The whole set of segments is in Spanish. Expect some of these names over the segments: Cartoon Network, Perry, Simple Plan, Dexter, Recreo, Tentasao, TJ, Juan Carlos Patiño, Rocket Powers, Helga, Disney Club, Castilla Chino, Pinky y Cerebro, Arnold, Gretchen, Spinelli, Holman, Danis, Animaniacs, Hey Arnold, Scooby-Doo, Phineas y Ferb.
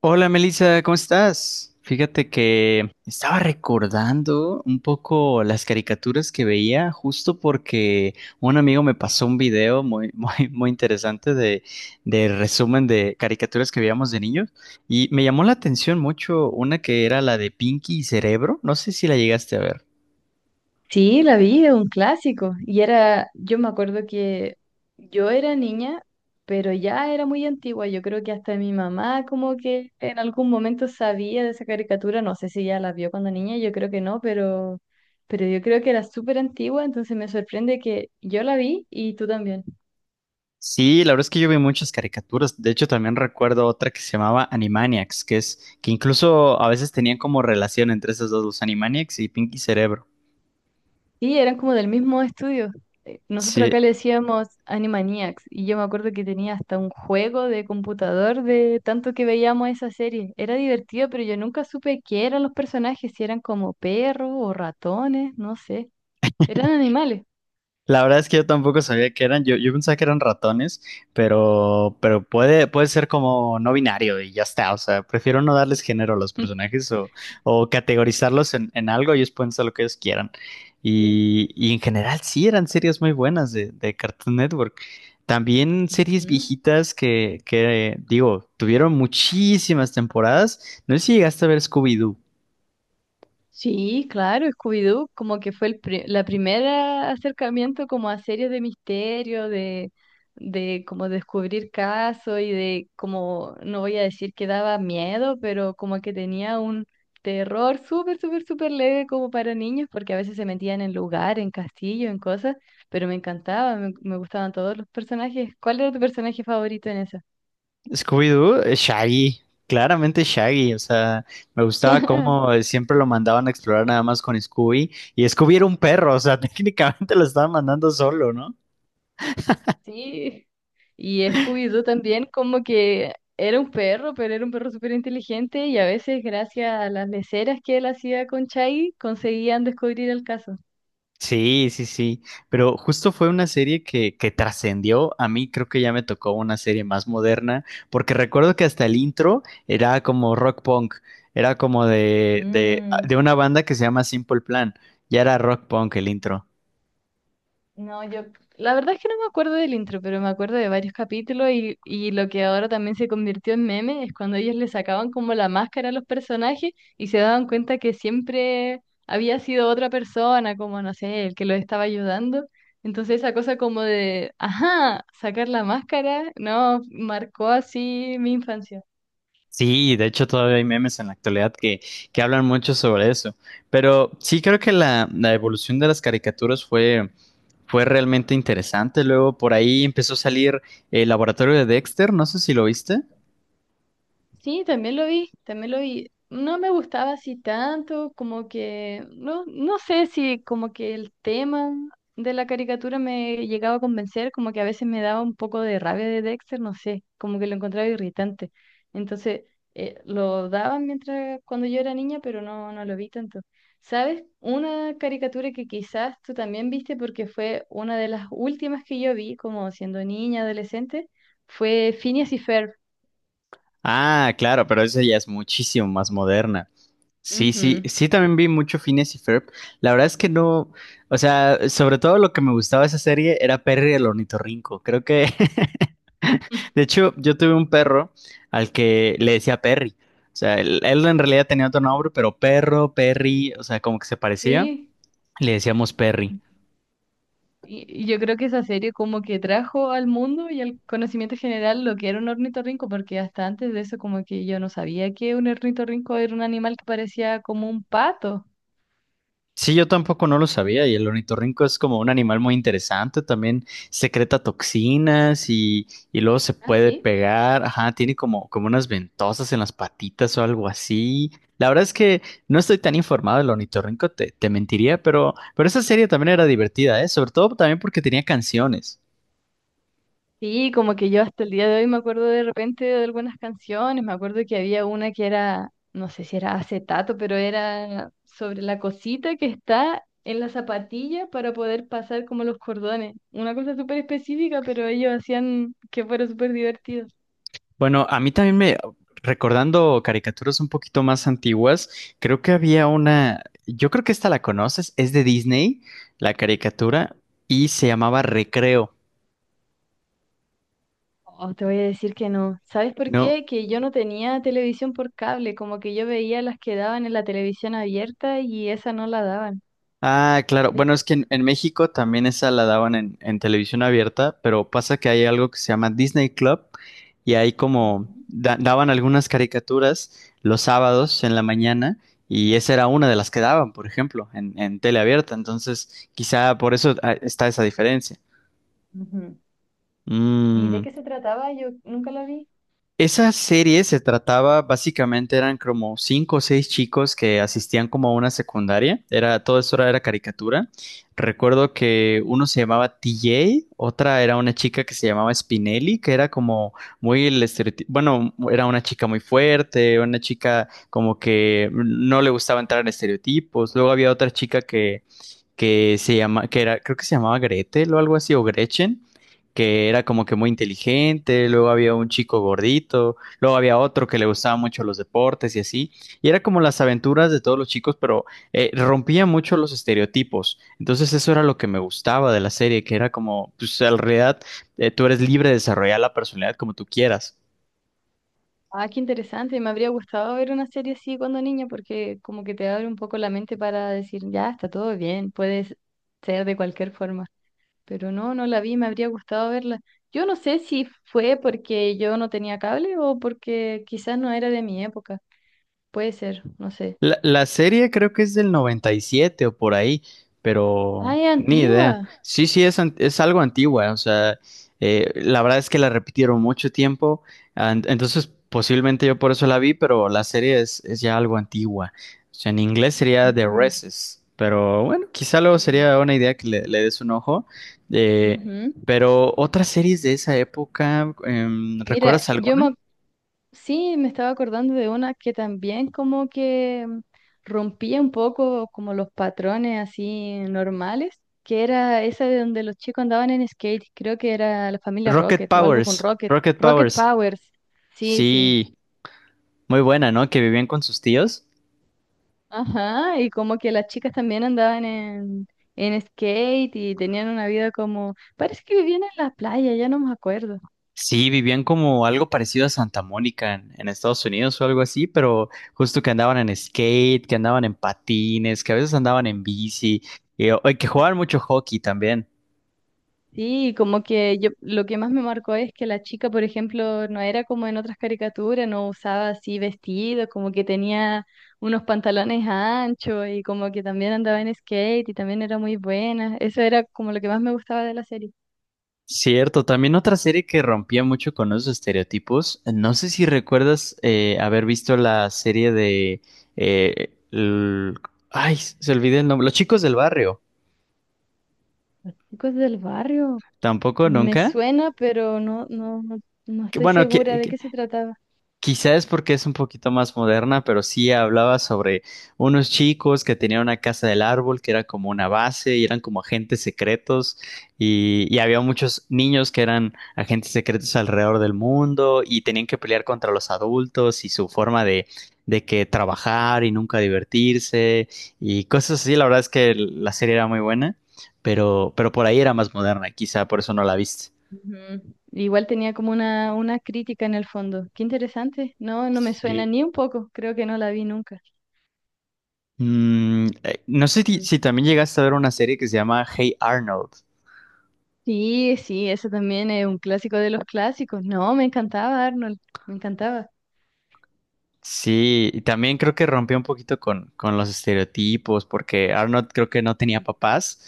Hola Melissa, ¿cómo estás? Fíjate que estaba recordando un poco las caricaturas que veía justo porque un amigo me pasó un video muy, muy interesante de resumen de caricaturas que veíamos de niños y me llamó la atención mucho una que era la de Pinky y Cerebro, no sé si la llegaste a ver. Sí, la vi, es un clásico. Y era, yo me acuerdo que yo era niña, pero ya era muy antigua. Yo creo que hasta mi mamá como que en algún momento sabía de esa caricatura. No sé si ya la vio cuando niña, yo creo que no, pero yo creo que era súper antigua, entonces me sorprende que yo la vi y tú también. Sí, la verdad es que yo vi muchas caricaturas. De hecho, también recuerdo otra que se llamaba Animaniacs, que es que incluso a veces tenían como relación entre esas dos, los Animaniacs y Pinky y Cerebro. Sí, eran como del mismo estudio. Nosotros Sí, acá le decíamos Animaniacs y yo me acuerdo que tenía hasta un juego de computador de tanto que veíamos esa serie. Era divertido, pero yo nunca supe qué eran los personajes, si eran como perros o ratones, no sé. Eran animales. la verdad es que yo tampoco sabía que eran, yo pensaba que eran ratones, pero puede, puede ser como no binario y ya está, o sea, prefiero no darles género a los personajes o, categorizarlos en algo, ellos pueden ser lo que ellos quieran. Sí. Y en general sí, eran series muy buenas de Cartoon Network. También series Ujú. viejitas que, digo, tuvieron muchísimas temporadas. No sé si llegaste a ver Scooby-Doo. Sí, claro, Scooby-Doo como que fue la primera acercamiento como a series de misterio, de como descubrir casos y de como, no voy a decir que daba miedo, pero como que tenía un terror súper, súper, súper leve como para niños, porque a veces se metían en lugar, en castillo, en cosas, pero me encantaba, me gustaban todos los personajes. ¿Cuál era tu personaje favorito en esa? Scooby-Doo, Shaggy, claramente Shaggy, o sea, me gustaba cómo siempre lo mandaban a explorar nada más con Scooby, y Scooby era un perro, o sea, técnicamente lo estaban mandando solo, ¿no? Sí, y Scooby-Doo también como que era un perro, pero era un perro súper inteligente y a veces gracias a las leceras que él hacía con Chai conseguían descubrir el caso. Sí, sí, pero justo fue una serie que trascendió, a mí creo que ya me tocó una serie más moderna, porque recuerdo que hasta el intro era como rock punk, era como de, de, Mm. de una banda que se llama Simple Plan, ya era rock punk el intro. No, yo, la verdad es que no me acuerdo del intro, pero me acuerdo de varios capítulos y lo que ahora también se convirtió en meme es cuando ellos le sacaban como la máscara a los personajes y se daban cuenta que siempre había sido otra persona, como no sé, el que los estaba ayudando. Entonces esa cosa como de, ajá, sacar la máscara, no, marcó así mi infancia. Sí, de hecho todavía hay memes en la actualidad que hablan mucho sobre eso. Pero sí creo que la evolución de las caricaturas fue, fue realmente interesante. Luego por ahí empezó a salir el laboratorio de Dexter, no sé si lo viste. Sí, también lo vi, también lo vi. No me gustaba así tanto, como que, no, no sé si como que el tema de la caricatura me llegaba a convencer, como que a veces me daba un poco de rabia de Dexter, no sé, como que lo encontraba irritante. Entonces, lo daban mientras cuando yo era niña, pero no, no lo vi tanto. ¿Sabes? Una caricatura que quizás tú también viste porque fue una de las últimas que yo vi, como siendo niña, adolescente, fue Phineas y Ferb. Ah, claro, pero esa ya es muchísimo más moderna. Sí, sí, Ujú. sí también vi mucho Phineas y Ferb. La verdad es que no, o sea, sobre todo lo que me gustaba de esa serie era Perry el ornitorrinco. Creo que de hecho, yo tuve un perro al que le decía Perry. O sea, él en realidad tenía otro nombre, pero perro, Perry, o sea, como que se parecía. Sí, Le decíamos Perry. Y yo creo que esa serie como que trajo al mundo y al conocimiento general lo que era un ornitorrinco, porque hasta antes de eso como que yo no sabía que un ornitorrinco era un animal que parecía como un pato. Sí, yo tampoco no lo sabía y el ornitorrinco es como un animal muy interesante, también secreta toxinas y luego se Ah, puede sí. pegar, ajá, tiene como, como unas ventosas en las patitas o algo así. La verdad es que no estoy tan informado del ornitorrinco, te mentiría, pero esa serie también era divertida, ¿eh? Sobre todo también porque tenía canciones. Sí, como que yo hasta el día de hoy me acuerdo de repente de algunas canciones, me acuerdo que había una que era, no sé si era acetato, pero era sobre la cosita que está en la zapatilla para poder pasar como los cordones. Una cosa súper específica, pero ellos hacían que fuera súper divertido. Bueno, a mí también me, recordando caricaturas un poquito más antiguas, creo que había una, yo creo que esta la conoces, es de Disney, la caricatura, y se llamaba Recreo, Oh, te voy a decir que no. ¿Sabes por ¿no? qué? Que yo no tenía televisión por cable, como que yo veía las que daban en la televisión abierta y esa no la daban. Ah, claro. De- Bueno, es que en México también esa la daban en televisión abierta, pero pasa que hay algo que se llama Disney Club y ahí como Ujú. Daban algunas caricaturas los sábados en la mañana y esa era una de las que daban, por ejemplo, en tele abierta. Entonces, quizá por eso está esa diferencia. Ujú. ¿Y de Mm. qué se trataba? Yo nunca la vi. Esa serie se trataba, básicamente eran como cinco o seis chicos que asistían como a una secundaria. Era, todo eso era, era caricatura. Recuerdo que uno se llamaba TJ, otra era una chica que se llamaba Spinelli, que era como muy el estereotipo. Bueno, era una chica muy fuerte, una chica como que no le gustaba entrar en estereotipos. Luego había otra chica que que era, creo que se llamaba Gretel o algo así, o Gretchen, que era como que muy inteligente, luego había un chico gordito, luego había otro que le gustaba mucho los deportes y así, y era como las aventuras de todos los chicos, pero rompía mucho los estereotipos, entonces eso era lo que me gustaba de la serie, que era como, pues en realidad tú eres libre de desarrollar la personalidad como tú quieras. Ah, qué interesante. Me habría gustado ver una serie así cuando niña porque como que te abre un poco la mente para decir, ya, está todo bien, puedes ser de cualquier forma. Pero no, no la vi, me habría gustado verla. Yo no sé si fue porque yo no tenía cable o porque quizás no era de mi época. Puede ser, no sé. La serie creo que es del 97 o por ahí, Ah, pero es ni idea. antigua. Sí, es, es algo antigua, o sea, la verdad es que la repitieron mucho tiempo, entonces posiblemente yo por eso la vi, pero la serie es ya algo antigua. O sea, en inglés sería The Ujú. Races, pero bueno, quizá luego Mm, sería una idea que le des un ojo. Eh, ujú. pero otras series de esa época, ¿recuerdas Mira, yo alguna? me, ac- Sí me estaba acordando de una que también como que rompía un poco como los patrones así normales, que era esa de donde los chicos andaban en skate, creo que era la familia Rocket o algo con Rocket, Rocket Rocket Powers. Powers, sí, sí, Sí, muy buena, ¿no? Que vivían con sus tíos. ajá, y como que las chicas también andaban en skate y tenían una vida como, parece que vivían en la playa, ya no me acuerdo. Sí, vivían como algo parecido a Santa Mónica en Estados Unidos o algo así, pero justo que andaban en skate, que andaban en patines, que a veces andaban en bici, y que jugaban mucho hockey también. Sí, como que yo lo que más me marcó es que la chica, por ejemplo, no era como en otras caricaturas, no usaba así vestido, como que tenía unos pantalones anchos y como que también andaba en skate y también era muy buena. Eso era como lo que más me gustaba de la serie. Cierto, también otra serie que rompía mucho con esos estereotipos. No sé si recuerdas haber visto la serie de... eh, el- Ay, se olvidé el nombre. Los chicos del barrio. Chicos del barrio, Tampoco, me nunca. suena, pero no, no, no Que, estoy bueno, segura de que- qué se trataba. Quizás porque es un poquito más moderna, pero sí hablaba sobre unos chicos que tenían una casa del árbol que era como una base y eran como agentes secretos y había muchos niños que eran agentes secretos alrededor del mundo y tenían que pelear contra los adultos y su forma de que trabajar y nunca divertirse y cosas así. La verdad es que la serie era muy buena, pero por ahí era más moderna, quizá por eso no la viste. Ujú. Igual tenía como una crítica en el fondo. Qué interesante. No, no me suena Sí. ni un poco. Creo que no la vi nunca. Mm, no sé ti- Ujú. si, también llegaste a ver una serie que se llama Hey Arnold. Sí, sí, eso también es un clásico de los clásicos. No, me encantaba Arnold, me encantaba. Sí, y también creo que rompió un poquito con los estereotipos, porque Arnold creo que no tenía papás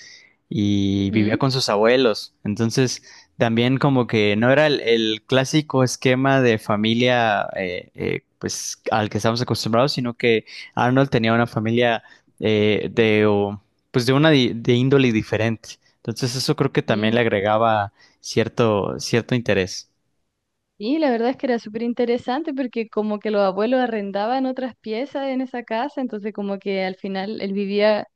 y vivía Ujú. con sus abuelos. Entonces, también como que no era el clásico esquema de familia pues al que estamos acostumbrados, sino que Arnold tenía una familia eh, de o, pues de una de índole diferente. Entonces, eso creo que también le Sí, agregaba cierto interés. sí, la verdad es que era súper interesante porque como que los abuelos arrendaban otras piezas en esa casa, entonces como que al final él vivía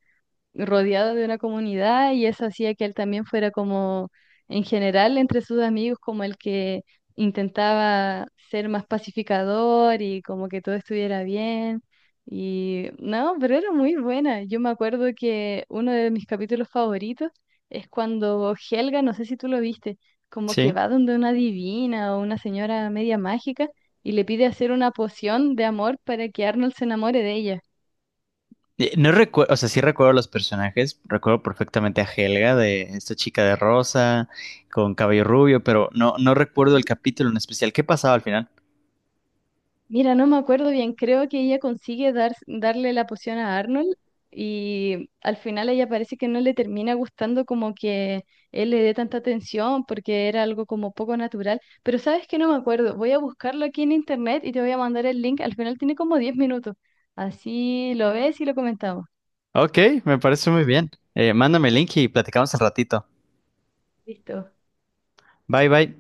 rodeado de una comunidad y eso hacía que él también fuera como, en general, entre sus amigos, como el que intentaba ser más pacificador y como que todo estuviera bien. Y no, pero era muy buena. Yo me acuerdo que uno de mis capítulos favoritos es cuando Helga, no sé si tú lo viste, como que Sí. va donde una divina o una señora media mágica y le pide hacer una poción de amor para que Arnold se enamore de ella. No recuerdo, o sea, sí recuerdo los personajes, recuerdo perfectamente a Helga de esta chica de rosa con cabello rubio, pero no, no recuerdo el capítulo en especial. ¿Qué pasaba al final? Mira, no me acuerdo bien, creo que ella consigue darle la poción a Arnold y al final ella parece que no le termina gustando como que él le dé tanta atención porque era algo como poco natural, pero sabes que no me acuerdo, voy a buscarlo aquí en internet y te voy a mandar el link, al final tiene como 10 minutos, así lo ves y lo comentamos. Ok, me parece muy bien. Mándame el link y platicamos al ratito. Listo. Bye bye.